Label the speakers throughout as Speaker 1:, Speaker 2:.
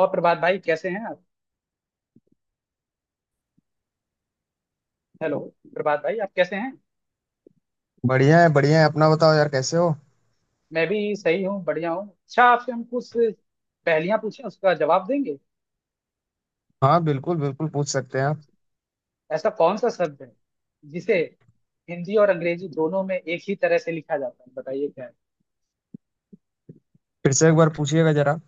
Speaker 1: और प्रभात भाई कैसे हैं आप। हेलो। प्रभात भाई आप कैसे हैं।
Speaker 2: बढ़िया है बढ़िया है। अपना बताओ यार, कैसे हो।
Speaker 1: मैं भी सही हूँ, बढ़िया हूँ। अच्छा आपसे हम कुछ पहेलियां पूछें, उसका जवाब देंगे।
Speaker 2: हाँ, बिल्कुल बिल्कुल पूछ सकते हैं आप।
Speaker 1: ऐसा कौन सा शब्द है जिसे हिंदी और अंग्रेजी दोनों में एक ही तरह से लिखा जाता है, बताइए क्या है।
Speaker 2: फिर से एक बार पूछिएगा जरा।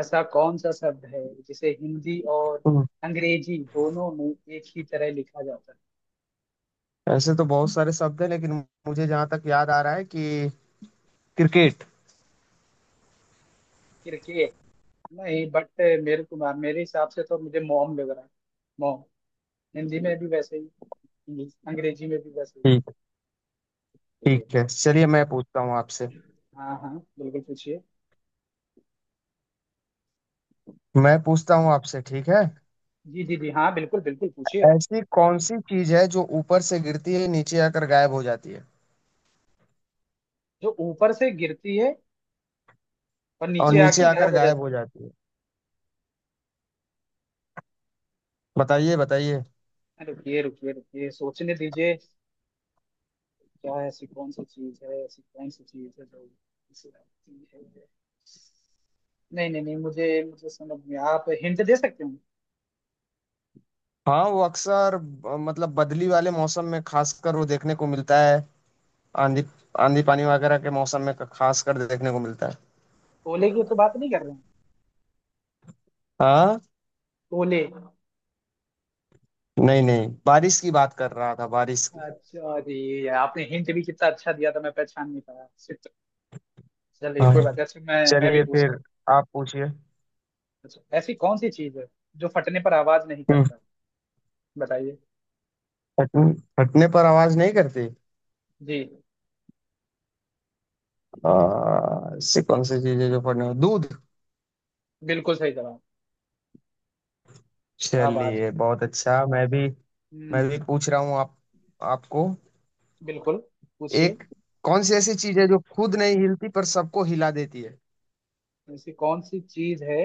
Speaker 1: ऐसा कौन सा शब्द है जिसे हिंदी और
Speaker 2: हम्म।
Speaker 1: अंग्रेजी दोनों में एक ही तरह लिखा जाता है।
Speaker 2: ऐसे तो बहुत सारे शब्द हैं, लेकिन मुझे जहाँ तक याद आ रहा है कि क्रिकेट।
Speaker 1: क्रिकेट नहीं, बट मेरे को मेरे हिसाब से तो मुझे मॉम लग रहा है। मॉम हिंदी में भी वैसे ही, इंग्लिश- अंग्रेजी में भी वैसे
Speaker 2: ठीक।
Speaker 1: ही।
Speaker 2: ठीक है, चलिए मैं पूछता हूँ आपसे।
Speaker 1: हाँ हाँ, बिल्कुल पूछिए।
Speaker 2: मैं पूछता हूँ आपसे, ठीक है।
Speaker 1: जी जी जी हाँ, बिल्कुल बिल्कुल पूछिए।
Speaker 2: ऐसी कौन सी चीज है जो ऊपर से गिरती है, नीचे आकर गायब हो जाती है।
Speaker 1: जो ऊपर से गिरती है और
Speaker 2: और
Speaker 1: नीचे
Speaker 2: नीचे
Speaker 1: आके
Speaker 2: आकर
Speaker 1: गायब हो
Speaker 2: गायब
Speaker 1: जाती
Speaker 2: हो जाती है। बताइए बताइए।
Speaker 1: है, रुकिए रुकिए रुकिए सोचने दीजिए। क्या है, ऐसी कौन सी चीज है, ऐसी कौन सी चीज है जो ऐसी चीज है? नहीं नहीं नहीं, मुझे मुझे समझ में, आप हिंट दे सकते हो।
Speaker 2: हाँ, वो अक्सर मतलब बदली वाले मौसम में खासकर वो देखने को मिलता है। आंधी। आंधी पानी वगैरह के मौसम में खास कर देखने को मिलता है।
Speaker 1: तोले की तो बात नहीं कर रहे हैं,
Speaker 2: हाँ।
Speaker 1: तोले।
Speaker 2: नहीं नहीं, बारिश की बात कर रहा था, बारिश की।
Speaker 1: अच्छा, अरे ये आपने हिंट भी कितना अच्छा दिया था, मैं पहचान नहीं पाया। Shit। चलिए
Speaker 2: हाँ।
Speaker 1: कोई बात नहीं, अच्छा मैं भी
Speaker 2: चलिए
Speaker 1: पूछता
Speaker 2: फिर।
Speaker 1: हूँ।
Speaker 2: आप पूछिए।
Speaker 1: अच्छा, ऐसी कौन सी चीज है जो फटने पर आवाज नहीं
Speaker 2: हम्म।
Speaker 1: करता, बताइए।
Speaker 2: फटने। फटने पर आवाज नहीं करती।
Speaker 1: जी,
Speaker 2: ऐसी कौन सी चीज है जो फटने दूध।
Speaker 1: बिल्कुल सही जवाब। क्या बात
Speaker 2: चलिए
Speaker 1: है।
Speaker 2: बहुत अच्छा, मैं भी।
Speaker 1: हम्म।
Speaker 2: मैं भी पूछ रहा हूँ आप। आपको।
Speaker 1: बिल्कुल पूछिए।
Speaker 2: एक। कौन सी ऐसी चीज है जो खुद नहीं हिलती पर सबको हिला देती है।
Speaker 1: ऐसी कौन सी चीज है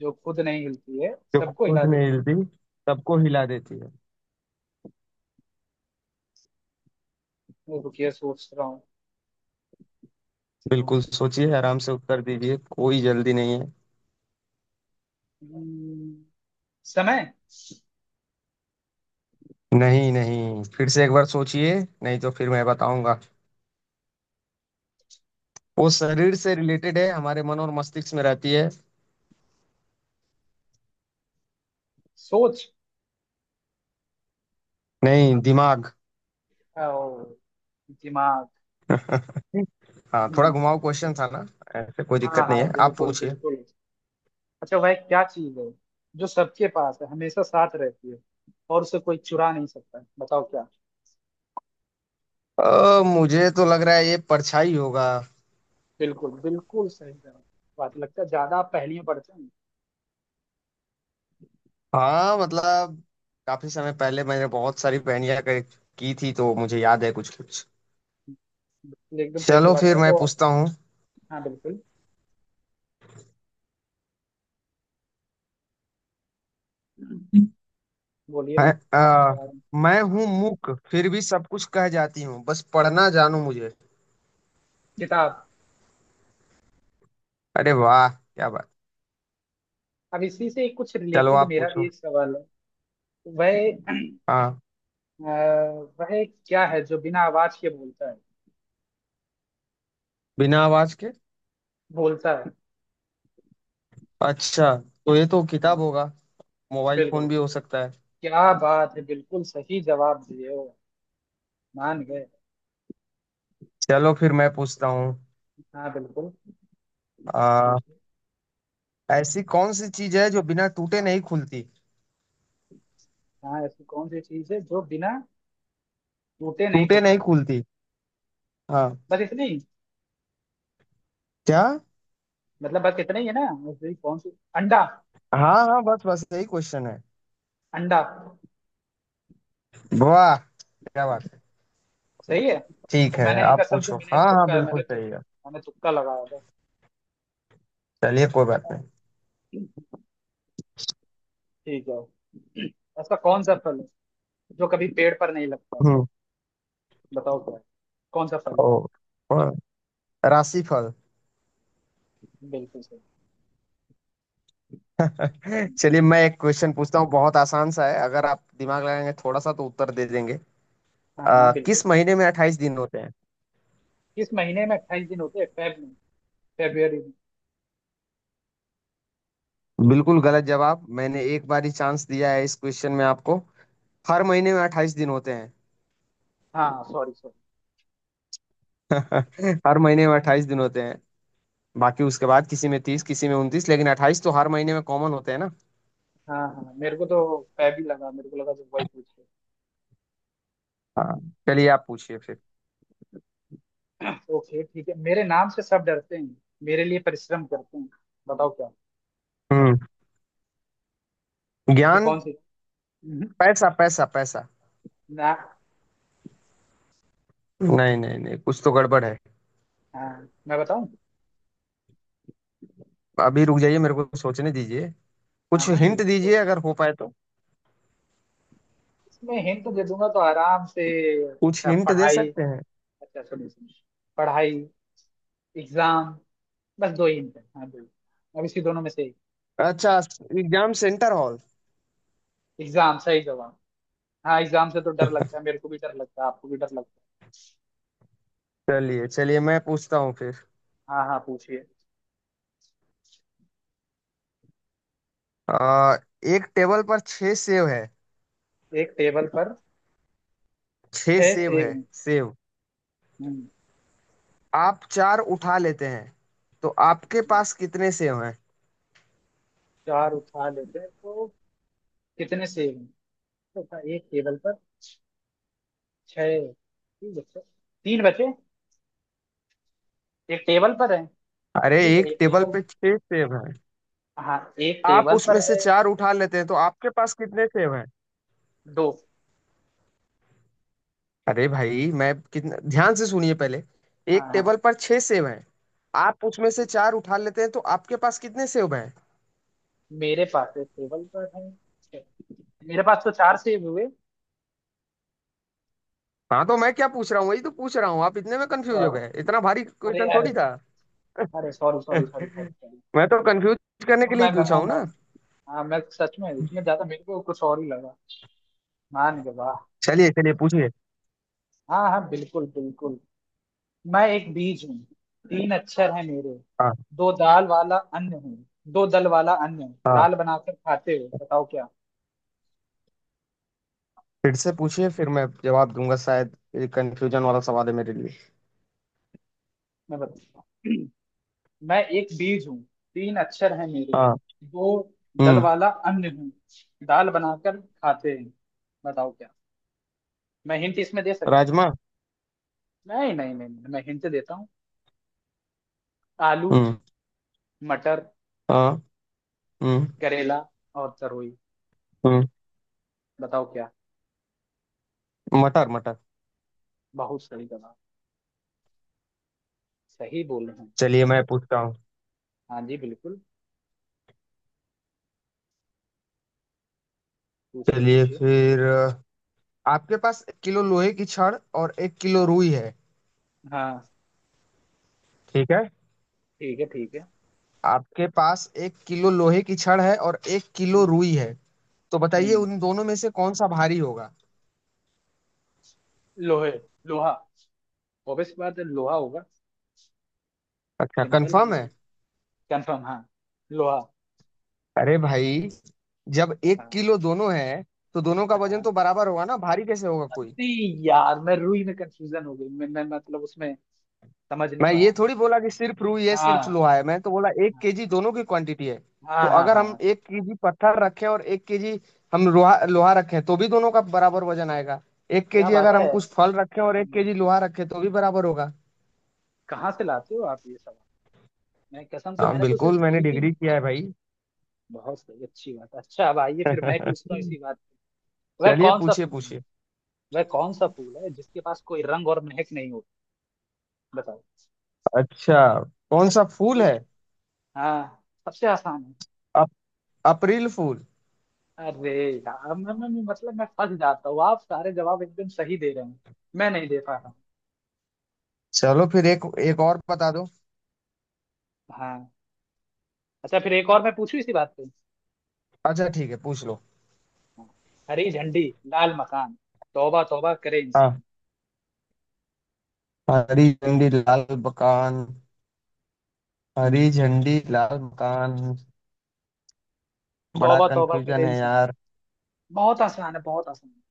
Speaker 1: जो खुद नहीं हिलती है,
Speaker 2: जो
Speaker 1: सबको
Speaker 2: खुद
Speaker 1: हिला
Speaker 2: नहीं
Speaker 1: देती
Speaker 2: हिलती, सबको हिला देती है।
Speaker 1: है, रुकिए सोच रहा हूँ। ऐसी कौन
Speaker 2: बिल्कुल
Speaker 1: सी,
Speaker 2: सोचिए आराम से, उत्तर दीजिए, कोई जल्दी नहीं है।
Speaker 1: हम्म, समय।
Speaker 2: नहीं नहीं, फिर से एक बार सोचिए। नहीं तो फिर मैं बताऊंगा। वो शरीर से रिलेटेड है, हमारे मन और मस्तिष्क में रहती है।
Speaker 1: सोच।
Speaker 2: नहीं, दिमाग।
Speaker 1: ओ, दिमाग।
Speaker 2: हाँ, थोड़ा
Speaker 1: हम्म,
Speaker 2: घुमाऊ क्वेश्चन था ना। ऐसे कोई
Speaker 1: हाँ
Speaker 2: दिक्कत नहीं
Speaker 1: हाँ,
Speaker 2: है, आप
Speaker 1: बिल्कुल
Speaker 2: पूछिए।
Speaker 1: बिल्कुल। अच्छा, वह क्या चीज है जो सबके पास है, हमेशा साथ रहती है, और उसे कोई चुरा नहीं सकता, बताओ क्या।
Speaker 2: मुझे तो लग रहा है ये परछाई होगा।
Speaker 1: बिल्कुल बिल्कुल सही जवाब। बात लगता है ज्यादा आप पहेलियां पढ़ते हैं।
Speaker 2: हाँ मतलब। काफी समय पहले मैंने बहुत सारी पहेलियां की थी, तो मुझे याद है कुछ कुछ।
Speaker 1: बिल्कुल, एकदम सही
Speaker 2: चलो
Speaker 1: जवाब।
Speaker 2: फिर
Speaker 1: मैं
Speaker 2: मैं
Speaker 1: तो,
Speaker 2: पूछता हूँ।
Speaker 1: हाँ बिल्कुल, बोलिए। मैं
Speaker 2: मैं अ,
Speaker 1: अ,
Speaker 2: मैं हूँ मूक, फिर भी सब कुछ कह जाती हूँ, बस पढ़ना जानू मुझे।
Speaker 1: किताब।
Speaker 2: अरे वाह, क्या बात।
Speaker 1: अब इसी से कुछ
Speaker 2: चलो
Speaker 1: रिलेटेड
Speaker 2: आप
Speaker 1: मेरा
Speaker 2: पूछो।
Speaker 1: भी एक सवाल है। वह,
Speaker 2: हाँ।
Speaker 1: अ, वह क्या है जो बिना आवाज के बोलता है,
Speaker 2: बिना आवाज के।
Speaker 1: बोलता है।
Speaker 2: अच्छा। तो ये तो किताब
Speaker 1: हम्म,
Speaker 2: होगा। मोबाइल
Speaker 1: बिल्कुल,
Speaker 2: फोन भी हो सकता है।
Speaker 1: क्या बात है, बिल्कुल सही जवाब दिए हो, मान गए।
Speaker 2: चलो फिर मैं पूछता हूँ।
Speaker 1: हाँ बिल्कुल
Speaker 2: आ,
Speaker 1: पूछिए।
Speaker 2: ऐसी कौन सी चीज है जो बिना टूटे नहीं खुलती।
Speaker 1: हाँ, ऐसी कौन सी चीज है जो बिना टूटे नहीं
Speaker 2: टूटे नहीं
Speaker 1: खुलती,
Speaker 2: खुलती। हाँ।
Speaker 1: बस इतनी,
Speaker 2: क्या।
Speaker 1: मतलब बस इतना ही है ना। ऐसी कौन सी, अंडा।
Speaker 2: हाँ हाँ, बस बस, यही क्वेश्चन है।
Speaker 1: अंडा
Speaker 2: वाह, क्या बात है।
Speaker 1: सही है तो।
Speaker 2: ठीक है,
Speaker 1: मैंने एक,
Speaker 2: आप
Speaker 1: कसम से
Speaker 2: पूछो।
Speaker 1: मैंने
Speaker 2: हाँ हाँ,
Speaker 1: तुक्का,
Speaker 2: बिल्कुल
Speaker 1: मैंने
Speaker 2: सही
Speaker 1: तुक्का
Speaker 2: है।
Speaker 1: मैंने तुक्का लगाया था।
Speaker 2: चलिए, कोई बात नहीं।
Speaker 1: ठीक है, ऐसा कौन सा फल है जो कभी पेड़ पर नहीं लगता,
Speaker 2: हम्म।
Speaker 1: बताओ क्या है? कौन सा फल
Speaker 2: ओ।
Speaker 1: है।
Speaker 2: ओ। राशिफल।
Speaker 1: बिल्कुल सही।
Speaker 2: चलिए, मैं एक क्वेश्चन पूछता हूँ, बहुत आसान सा है, अगर आप दिमाग लगाएंगे थोड़ा सा तो उत्तर दे देंगे।
Speaker 1: हाँ हाँ बिल्कुल।
Speaker 2: किस महीने में अट्ठाईस दिन होते हैं।
Speaker 1: किस महीने में अट्ठाईस दिन होते हैं, फेब में, फेब्रुअरी में।
Speaker 2: बिल्कुल गलत जवाब, मैंने एक बार ही चांस दिया है इस क्वेश्चन में आपको। हर महीने में अट्ठाईस दिन होते हैं।
Speaker 1: हाँ सॉरी सॉरी।
Speaker 2: हर महीने में अट्ठाईस दिन होते हैं। बाकी उसके बाद किसी में तीस, किसी में उनतीस, लेकिन अट्ठाईस तो हर महीने में कॉमन होते हैं ना।
Speaker 1: हाँ हाँ, मेरे को तो फेब ही लगा, मेरे को लगा जो वही पूछ रहे
Speaker 2: हाँ। चलिए, आप पूछिए फिर।
Speaker 1: हो। ओके ठीक है। मेरे नाम से सब डरते हैं, मेरे लिए परिश्रम करते हैं, बताओ क्या।
Speaker 2: हम्म।
Speaker 1: ऐसी
Speaker 2: ज्ञान।
Speaker 1: कौन सी, हम्म,
Speaker 2: पैसा पैसा पैसा।
Speaker 1: ना।
Speaker 2: नहीं नहीं नहीं, कुछ तो गड़बड़ है।
Speaker 1: हाँ मैं बताऊं।
Speaker 2: अभी रुक जाइए, मेरे को सोचने दीजिए।
Speaker 1: हाँ
Speaker 2: कुछ
Speaker 1: हाँ
Speaker 2: हिंट
Speaker 1: बिल्कुल,
Speaker 2: दीजिए अगर हो पाए तो।
Speaker 1: इसमें हिंट दे दूंगा तो आराम से।
Speaker 2: कुछ
Speaker 1: अच्छा,
Speaker 2: हिंट दे
Speaker 1: पढ़ाई।
Speaker 2: सकते हैं।
Speaker 1: अच्छा सुनिए सुनिए, पढ़ाई, एग्जाम, बस दो ही hint है, हाँ दो ही, अब इसी दोनों में से एक,
Speaker 2: अच्छा। Exam centre hall.
Speaker 1: एग्जाम सही जवाब। हाँ, एग्जाम से तो डर लगता है, मेरे को भी डर लगता है, आपको भी डर लगता
Speaker 2: चलिए चलिए, मैं पूछता हूँ फिर।
Speaker 1: है। हाँ हाँ पूछिए।
Speaker 2: आ, एक टेबल पर छह सेब है।
Speaker 1: एक टेबल पर
Speaker 2: छह
Speaker 1: छह
Speaker 2: सेब
Speaker 1: सेब
Speaker 2: है,
Speaker 1: हैं।
Speaker 2: सेब।
Speaker 1: हम्म,
Speaker 2: आप चार उठा लेते हैं, तो आपके
Speaker 1: हम्म,
Speaker 2: पास कितने सेब हैं।
Speaker 1: चार उठा लेते हैं तो कितने सेब हैं, तो कहा, एक टेबल पर छह। ठीक है सर। तीन बचे, एक टेबल पर है।
Speaker 2: अरे,
Speaker 1: ठीक है
Speaker 2: एक
Speaker 1: एक
Speaker 2: टेबल
Speaker 1: टेबल,
Speaker 2: पे छह सेब हैं।
Speaker 1: हाँ एक
Speaker 2: आप
Speaker 1: टेबल
Speaker 2: उसमें
Speaker 1: पर
Speaker 2: से
Speaker 1: है।
Speaker 2: चार उठा लेते हैं, तो आपके पास कितने सेब हैं।
Speaker 1: दो।
Speaker 2: अरे भाई, मैं कितना, ध्यान से सुनिए पहले।
Speaker 1: हाँ
Speaker 2: एक
Speaker 1: हाँ,
Speaker 2: टेबल पर छह सेब हैं। आप उसमें से चार उठा लेते हैं, तो आपके पास कितने सेब हैं।
Speaker 1: मेरे पास है, टेबल पर है, मेरे पास तो चार सेब हुए।
Speaker 2: हाँ, तो मैं क्या पूछ रहा हूँ, वही तो पूछ रहा हूँ। आप इतने में कंफ्यूज हो
Speaker 1: अ,
Speaker 2: गए, इतना भारी
Speaker 1: अरे
Speaker 2: क्वेश्चन
Speaker 1: अरे।
Speaker 2: थोड़ी था।
Speaker 1: अरे sorry sorry sorry sorry sorry.
Speaker 2: मैं तो कंफ्यूज करने के लिए
Speaker 1: मैं
Speaker 2: ही
Speaker 1: मैं
Speaker 2: पूछा
Speaker 1: मैं
Speaker 2: हूँ।
Speaker 1: मैं हाँ मैं सच में उसमें ज्यादा, मेरे को कुछ और ही लगा मान के, वाह।
Speaker 2: चलिए चलिए, पूछिए।
Speaker 1: हाँ हाँ बिल्कुल बिल्कुल। मैं एक बीज हूँ, तीन अक्षर हैं मेरे,
Speaker 2: हाँ
Speaker 1: दो दाल वाला अन्न हूँ, दो दल वाला अन्न,
Speaker 2: हाँ।
Speaker 1: दाल बनाकर खाते हो, बताओ क्या।
Speaker 2: फिर से पूछिए, फिर मैं जवाब दूंगा, शायद ये कंफ्यूजन वाला सवाल है मेरे लिए।
Speaker 1: मैं बताऊँ, मैं एक बीज हूँ, तीन अक्षर हैं मेरे,
Speaker 2: हाँ।
Speaker 1: दो दल
Speaker 2: हम्म।
Speaker 1: वाला अन्न हूँ, दाल बनाकर खाते हैं, बताओ क्या। मैं हिंट इसमें दे सकता।
Speaker 2: राजमा।
Speaker 1: नहीं नहीं नहीं नहीं, मैं हिंट देता हूँ। आलू,
Speaker 2: हम्म।
Speaker 1: मटर,
Speaker 2: हाँ। हम्म।
Speaker 1: करेला और तरोई,
Speaker 2: हम्म।
Speaker 1: बताओ क्या।
Speaker 2: मटर मटर।
Speaker 1: बहुत सही जवाब, सही बोल रहे हैं।
Speaker 2: चलिए मैं पूछता हूँ।
Speaker 1: हाँ जी बिल्कुल, पूछिए
Speaker 2: चलिए
Speaker 1: पूछिए।
Speaker 2: फिर, आपके पास एक किलो लोहे की छड़ और एक किलो रुई है।
Speaker 1: हाँ
Speaker 2: ठीक है।
Speaker 1: ठीक है ठीक है।
Speaker 2: आपके पास एक किलो लोहे की छड़ है और एक किलो
Speaker 1: हम्म।
Speaker 2: रुई है। तो बताइए,
Speaker 1: हम्म,
Speaker 2: उन दोनों में से कौन सा भारी होगा।
Speaker 1: लोहे, लोहा, ऑब्वियस बात है लोहा होगा।
Speaker 2: अच्छा,
Speaker 1: सिंपल ये
Speaker 2: कंफर्म
Speaker 1: तो,
Speaker 2: है।
Speaker 1: कंफर्म, हाँ लोहा।
Speaker 2: अरे भाई, जब एक
Speaker 1: हाँ
Speaker 2: किलो दोनों है, तो दोनों का वजन
Speaker 1: हाँ,
Speaker 2: तो बराबर होगा ना, भारी कैसे होगा कोई।
Speaker 1: अरे यार, मैं रूही में कंफ्यूजन हो गई, मैं मतलब उसमें समझ नहीं
Speaker 2: मैं ये
Speaker 1: पाया।
Speaker 2: थोड़ी बोला कि सिर्फ रुई है, सिर्फ
Speaker 1: हाँ
Speaker 2: लोहा है। मैं तो बोला एक केजी दोनों की क्वांटिटी है। तो
Speaker 1: हाँ हाँ
Speaker 2: अगर
Speaker 1: हाँ
Speaker 2: हम
Speaker 1: हाँ।
Speaker 2: एक केजी पत्थर रखें और एक केजी हम लोहा लोहा रखें तो भी दोनों का बराबर वजन आएगा। एक
Speaker 1: क्या
Speaker 2: केजी
Speaker 1: बात
Speaker 2: अगर हम
Speaker 1: है।
Speaker 2: कुछ फल रखें और एक
Speaker 1: हम्म,
Speaker 2: केजी लोहा रखें तो भी बराबर होगा।
Speaker 1: कहाँ से लाते हो आप ये सब, मैं कसम से
Speaker 2: हाँ
Speaker 1: मैंने तो सिर्फ
Speaker 2: बिल्कुल,
Speaker 1: दो
Speaker 2: मैंने
Speaker 1: ही तीन।
Speaker 2: डिग्री किया है भाई।
Speaker 1: बहुत सही, अच्छी बात। अच्छा अब आइए, फिर मैं पूछता हूँ इसी बात पे। वह
Speaker 2: चलिए,
Speaker 1: कौन सा
Speaker 2: पूछिए
Speaker 1: फूल है,
Speaker 2: पूछिए।
Speaker 1: वह कौन सा फूल है जिसके पास कोई रंग और महक नहीं होती, बताओ।
Speaker 2: अच्छा, कौन सा फूल है।
Speaker 1: हाँ सबसे आसान है।
Speaker 2: अप, अप्रैल फूल।
Speaker 1: अरे यार, मैं मतलब मैं फंस जाता हूँ, आप सारे जवाब एकदम सही दे रहे हैं, मैं नहीं दे पा रहा हूँ।
Speaker 2: चलो फिर, एक एक और बता दो।
Speaker 1: हाँ, अच्छा फिर एक और मैं पूछूं इसी बात पे।
Speaker 2: अच्छा ठीक है, पूछ लो।
Speaker 1: हाँ। हरी झंडी, लाल मकान, तौबा तौबा करे
Speaker 2: हाँ।
Speaker 1: इंसान।
Speaker 2: हरी झंडी, लाल मकान। हरी
Speaker 1: हम्म,
Speaker 2: झंडी, लाल मकान। बड़ा
Speaker 1: तौबा तौबा
Speaker 2: कंफ्यूजन
Speaker 1: करे
Speaker 2: है
Speaker 1: इंसान,
Speaker 2: यार।
Speaker 1: बहुत आसान है, बहुत आसान है,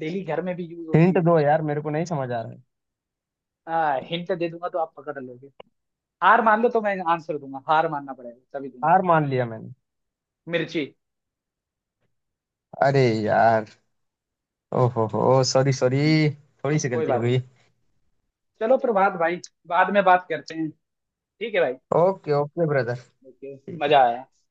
Speaker 1: डेली घर में भी यूज होती
Speaker 2: हिंट
Speaker 1: है।
Speaker 2: दो यार, मेरे को नहीं समझ आ रहा है।
Speaker 1: हिंट दे दूंगा तो आप पकड़ लोगे, हार मान लो तो मैं आंसर दूंगा, हार मानना पड़ेगा तभी दूंगा।
Speaker 2: हार मान लिया मैंने।
Speaker 1: मिर्ची।
Speaker 2: अरे यार। ओहो हो, सॉरी सॉरी।
Speaker 1: हम्म,
Speaker 2: थोड़ी सी
Speaker 1: कोई
Speaker 2: गलती हो
Speaker 1: बात नहीं,
Speaker 2: गई।
Speaker 1: चलो प्रभात भाई, बाद में बात करते हैं, ठीक है भाई।
Speaker 2: Okay okay, brother.
Speaker 1: ओके,
Speaker 2: ठीक है।
Speaker 1: मजा आया।